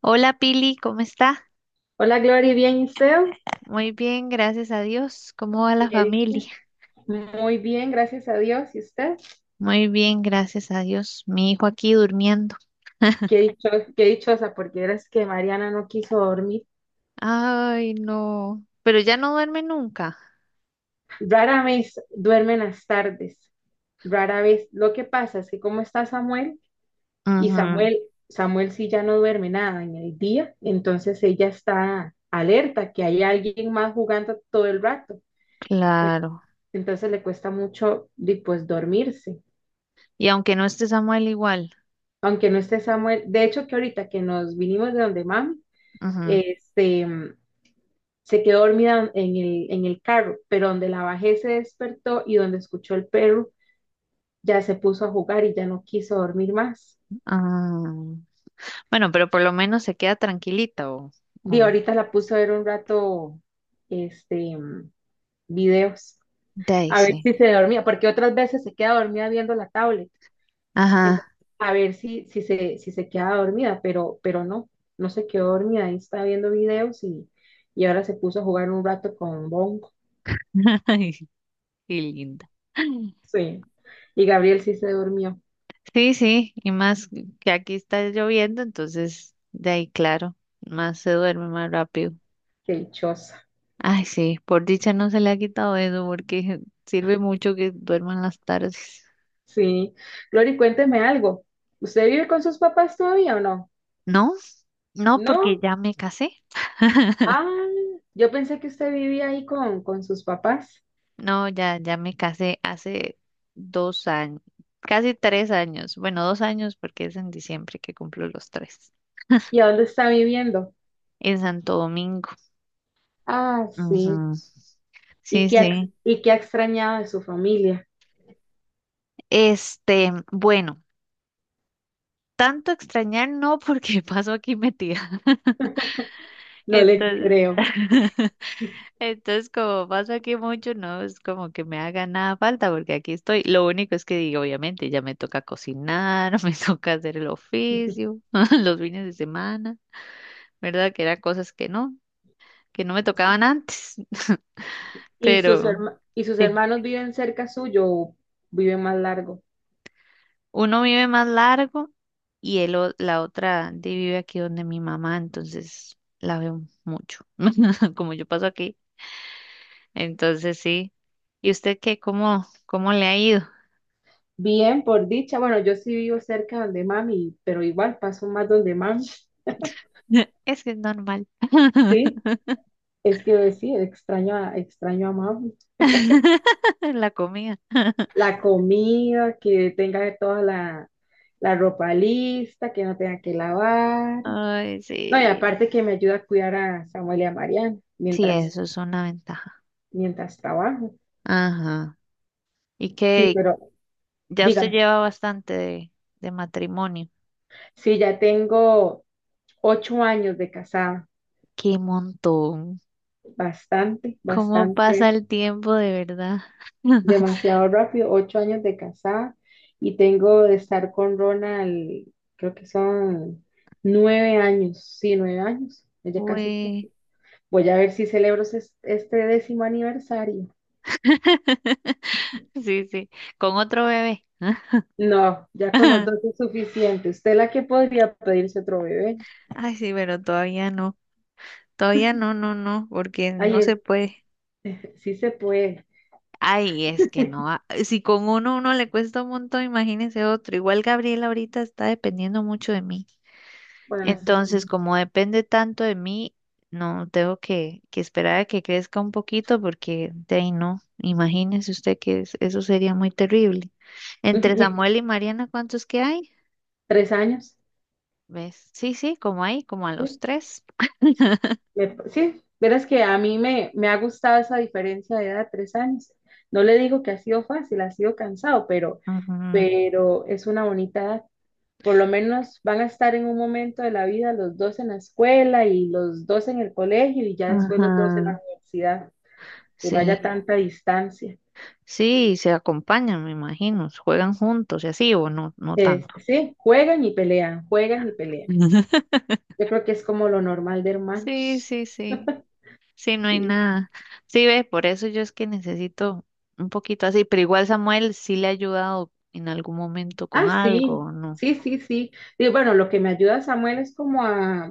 Hola Pili, ¿cómo está? Hola Glory, bien, ¿y usted? Muy bien, gracias a Dios. ¿Cómo va ¿Qué la familia? dice? Muy bien, gracias a Dios. ¿Y usted? Muy bien, gracias a Dios. Mi hijo aquí durmiendo. Qué dicho, qué dichosa, porque verás que Mariana no quiso dormir. Ay, no. Pero ya no duerme nunca. Rara vez duermen las tardes, rara vez. Lo que pasa es que como está Samuel, y Ujú, Samuel, Samuel sí ya no duerme nada en el día, entonces ella está alerta que hay alguien más jugando todo el rato. claro. Entonces le cuesta mucho, di, pues, dormirse. Y aunque no esté Samuel igual. Aunque no esté Samuel, de hecho que ahorita que nos vinimos de donde mami, Ujú. este, se quedó dormida en el carro, pero donde la bajé se despertó y donde escuchó el perro ya se puso a jugar y ya no quiso dormir más. Ah, bueno, pero por lo menos se queda tranquilita Y o- ahorita la puse a ver un rato, este, videos, De ahí a ver sí. si se dormía, porque otras veces se queda dormida viendo la tablet. Entonces, Ajá. a ver si se queda dormida, pero no se quedó dormida, ahí está viendo videos y ahora se puso a jugar un rato con Bongo. Ay, qué linda. Sí. Y Gabriel sí se durmió. Sí, sí, y más que aquí está lloviendo, entonces de ahí, claro, más se duerme más rápido. Qué dichosa. Ay, sí, por dicha no se le ha quitado eso porque sirve mucho que duerman las tardes. Sí. Glory, cuénteme algo. ¿Usted vive con sus papás todavía o no? No, no, porque No. ya me casé. Ah, yo pensé que usted vivía ahí con sus papás. No, ya me casé hace 2 años, casi 3 años. Bueno, 2 años porque es en diciembre que cumplo los tres. ¿Y a dónde está viviendo? En Santo Domingo. Ah, sí. Ujú. ¿Y Sí, qué ha, sí. y qué ha extrañado de su familia? Este, bueno. Tanto extrañar no, porque paso aquí metida. No le Entonces, creo. entonces como paso aquí mucho, no es como que me haga nada falta, porque aquí estoy. Lo único es que digo, obviamente, ya me toca cocinar, me toca hacer el oficio, los fines de semana, ¿verdad? Que eran cosas que no me tocaban antes. ¿Y sus Pero herma- y sus sí, hermanos viven cerca suyo o viven más largo? uno vive más largo y la otra vive aquí donde mi mamá, entonces la veo mucho. Como yo paso aquí. Entonces sí. ¿Y usted qué? ¿Cómo, cómo le ha ido? Bien, por dicha. Bueno, yo sí vivo cerca donde mami, pero igual paso más donde mami. Es que es normal. Sí, es que sí, extraño a mamá. La comida. La comida, que tenga toda la ropa lista, que no tenga que lavar. Ay, No, y sí. aparte que me ayuda a cuidar a Samuel y a Mariana Sí, eso es una ventaja. mientras trabajo. Ajá. Y Sí, que pero ya usted dígame, lleva bastante de matrimonio. si ya tengo 8 años de casada, Qué montón. bastante, ¿Cómo pasa bastante, el tiempo de verdad? demasiado rápido, 8 años de casada y tengo de estar con Ronald, creo que son 9 años, sí, 9 años, ya casi. Uy. Voy a ver si celebro este 10º aniversario. Sí, sí. Con otro bebé. No, ya con los dos es suficiente. Usted la que podría pedirse otro bebé. Ay, sí, pero todavía no. Todavía no, no, no, porque Ay, no es, se puede. sí se puede. Ay, es que no, ah, si con uno le cuesta un montón, imagínese otro. Igual Gabriela ahorita está dependiendo mucho de mí. Bueno, eso sí. Entonces, como depende tanto de mí, no tengo que esperar a que crezca un poquito porque de ahí no. Imagínese usted que es- eso sería muy terrible. Entre ¿Y Samuel y Mariana, ¿cuántos que hay? 3 años? ¿Ves? Sí, sí, como ahí, como a los Sí, tres. sí. Sí, verás que a mí me ha gustado esa diferencia de edad, 3 años. No le digo que ha sido fácil, ha sido cansado, pero, Ajá, pero es una bonita edad. Por lo menos van a estar en un momento de la vida los dos en la escuela y los dos en el colegio y ya después los dos en la ajá, universidad y no haya sí, tanta distancia. sí, se acompañan, me imagino, juegan juntos y así, o no, no tanto. Sí, juegan y pelean, juegan y pelean. Yo creo que es como lo normal de Sí, hermanos. sí, sí. Sí, no hay Sí. nada. Sí, ve, por eso yo es que necesito un poquito así, pero igual Samuel sí le ha ayudado en algún momento con Ah, algo, sí, ¿o no? sí, sí, sí. Y bueno, lo que me ayuda Samuel es como a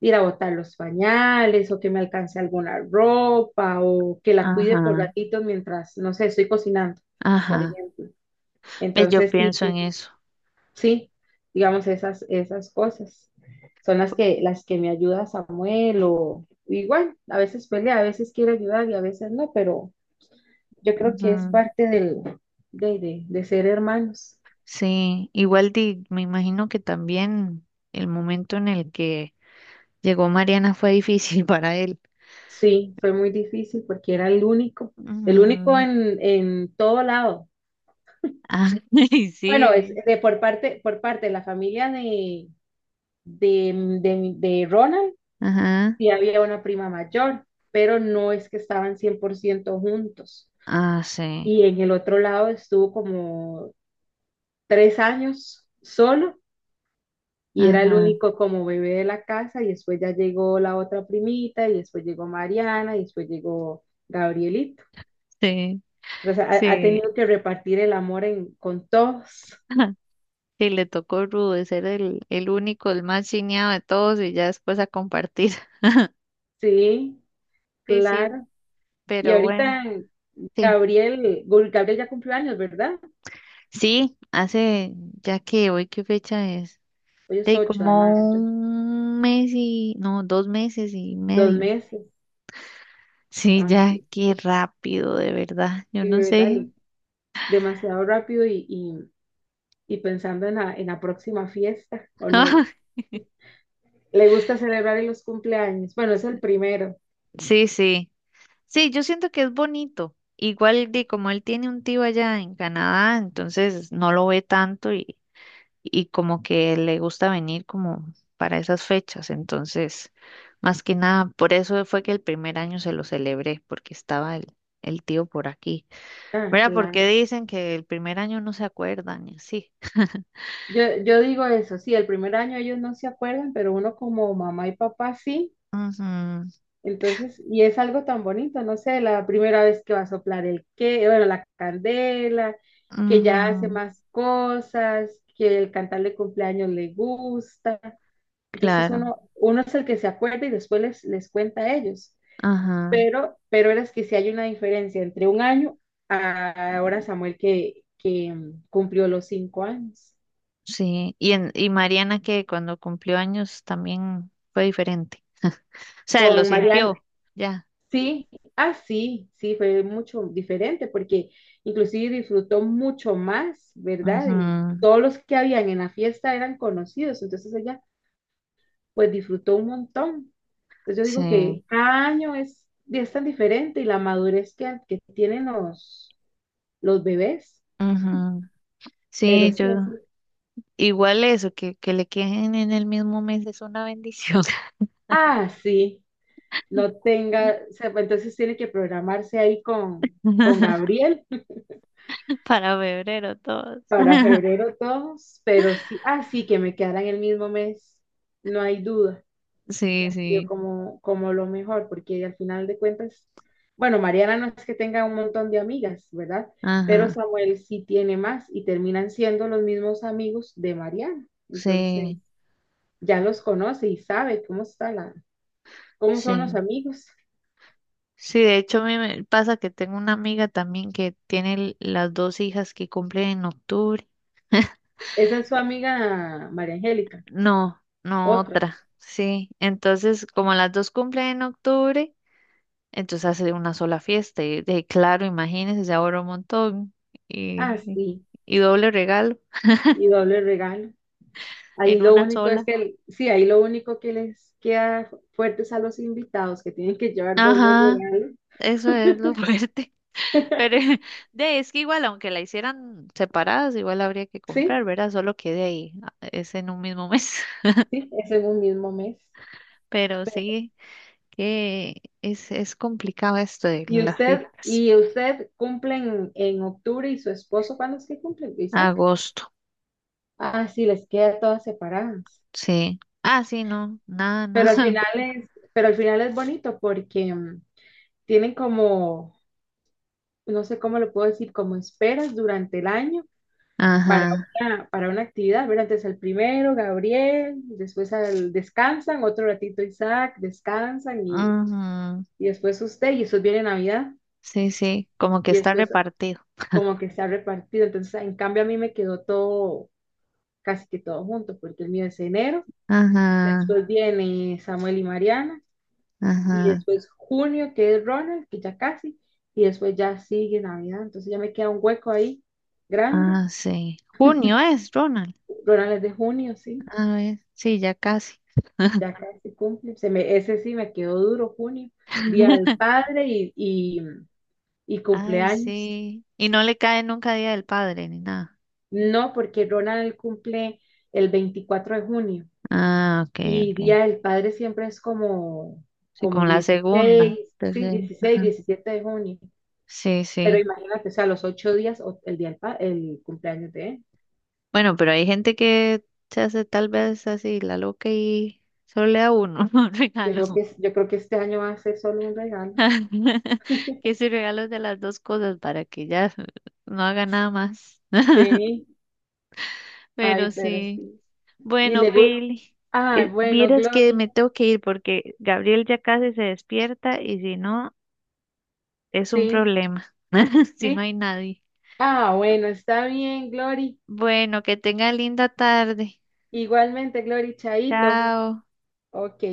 ir a botar los pañales o que me alcance alguna ropa o que la cuide por Ajá, ratitos mientras, no sé, estoy cocinando, por ajá. ejemplo. Ve, yo Entonces, sí, pienso en sí, eso. sí, digamos esas cosas son las que me ayuda Samuel o igual, a veces pelea, a veces quiere ayudar y a veces no, pero yo creo que es Ujú. parte de ser hermanos. Sí, igual di, me imagino que también el momento en el que llegó Mariana fue difícil para él. Sí, fue muy difícil porque era el único Ujú. En todo lado. Ah, y sí, Bueno, ¿verdad? Por parte de la familia de Ronald, Ajá. sí había una prima mayor, pero no es que estaban 100% juntos. Ah, sí. Y en el otro lado estuvo como 3 años solo y era el Ajá. único como bebé de la casa y después ya llegó la otra primita y después llegó Mariana y después llegó Gabrielito. Sí, O sea, ha sí. tenido que repartir el amor en, con todos, Y le tocó rudo de ser el único, el más chineado de todos y ya después a compartir. sí, Sí, sí, claro. Y pero bueno, ahorita sí. Gabriel ya cumplió años, ¿verdad? Sí, hace, ya que hoy, ¿qué fecha es? Hoy es De 8 de como mayo, un mes y, no, dos meses y 2 medio. meses. Sí, Ay, ya, sí, qué rápido, de verdad. Yo sí, no sé. ¿verdad? Demasiado rápido y pensando en la próxima fiesta, ¿o no? ¿Le gusta celebrar en los cumpleaños? Bueno, es el primero. Sí, sí. Sí, yo siento que es bonito. Igual de como él tiene un tío allá en Canadá, entonces no lo ve tanto y como que le gusta venir como para esas fechas. Entonces, más que nada, por eso fue que el primer año se lo celebré, porque estaba el tío por aquí. Ah, Mira, porque claro. dicen que el primer año no se acuerdan y así. Yo digo eso, sí, el primer año ellos no se acuerdan, pero uno como mamá y papá sí. Ujú, Entonces, y es algo tan bonito, no sé, la primera vez que va a soplar el que, bueno, la candela, que ya hace ujú, más cosas, que el cantarle cumpleaños le gusta. Entonces claro, uno es el que se acuerda y después les cuenta a ellos. ajá, Pero eras que sí hay una diferencia entre un año a ahora Samuel que cumplió los 5 años. sí. Y Mariana que cuando cumplió años también fue diferente. O sea, lo Con Ah, Mariana, sintió, ya. sí, ah, sí, sí, fue mucho diferente porque inclusive disfrutó mucho más, ¿verdad? Y Ujú, todos los que habían en la fiesta eran conocidos, entonces ella pues disfrutó un montón. Entonces yo digo sí. que cada año es tan diferente y la madurez que tienen los bebés, Ujú. pero Sí, yo. sí, así. Igual eso, que le queden en el mismo mes es una bendición. Ah, sí. No tenga, o sea, pues, entonces tiene que programarse ahí con Gabriel Para febrero todos. para febrero todos, pero sí, ah, sí, que me quedaran el mismo mes, no hay duda, que Sí, ha sido sí. Como lo mejor, porque al final de cuentas, bueno, Mariana no es que tenga un montón de amigas, ¿verdad? Pero Ajá. Samuel sí tiene más y terminan siendo los mismos amigos de Mariana, entonces Sí, ya los conoce y sabe cómo son los sí. amigos. Sí, de hecho a mí me pasa que tengo una amiga también que tiene las dos hijas que cumplen en octubre. Esa es su amiga María Angélica, No, no otra. otra. Sí. Entonces, como las dos cumplen en octubre, entonces hace una sola fiesta. Y de claro, imagínense, se ahorra un montón. Ah, Y, y sí, y doble regalo y doble regalo. Ahí en lo una único es sola. que, el- Sí, ahí lo único que les queda fuertes a los invitados que tienen que llevar doble Ajá, regalo. eso es lo fuerte. Pero de es que igual, aunque la hicieran separadas, igual habría que Sí, comprar, ¿verdad? Solo que de ahí es en un mismo mes. sí, es en un mismo mes. Pero sí, que es complicado esto de las fiestas. ¿Y usted cumple en octubre y su esposo cuándo es que cumple, Isaac? Agosto, Ah, sí, les queda todas separadas. sí. Ah, sí, no, nada, Pero al nada. final es, pero al final es bonito porque tienen como, no sé cómo lo puedo decir, como esperas durante el año para Ajá. Para una actividad, ¿verdad? Entonces al primero, Gabriel, después al descansan, otro ratito Isaac, descansan Ujú. y después usted, y eso viene Navidad, Sí, sí, como que y está después repartido. como que se ha repartido. Entonces, en cambio, a mí me quedó todo, casi que todo junto, porque el mío es enero, Ajá, después viene Samuel y Mariana, y ajá. después junio, que es Ronald, que ya casi, y después ya sigue Navidad. Entonces ya me queda un hueco ahí grande. Ah, sí. Junio es, Ronald. Ronald es de junio, sí. A ver, sí, ya casi. Ya casi cumple, ese sí me quedó duro, junio, Día del Padre y Ay, cumpleaños. sí. Y no le cae nunca Día del Padre ni nada. No, porque Ronald cumple el 24 de junio Ah, ok, y ok. Día del Padre siempre es Sí, como con la 16, segunda, sí, tercera. 16, Ajá. 17 de junio. Sí, Pero sí. imagínate, o sea, los 8 días, o- el día del pa- el cumpleaños de él. Bueno, pero hay gente que se hace tal vez así la loca y solo le da uno un regalo. Yo creo que este año va a ser solo un regalo. Que si regalos de las dos cosas para que ya no haga nada más. Sí, ay, Pero pero sí. sí. Y Bueno, le gusta. Pili, Ay, bueno, vieras que Glory, me tengo que ir porque Gabriel ya casi se despierta y si no, es un sí, problema si no sí, hay nadie. ah, bueno, está bien, Glory. Bueno, que tenga linda tarde. Igualmente, Glory, chaito. Chao. Ok.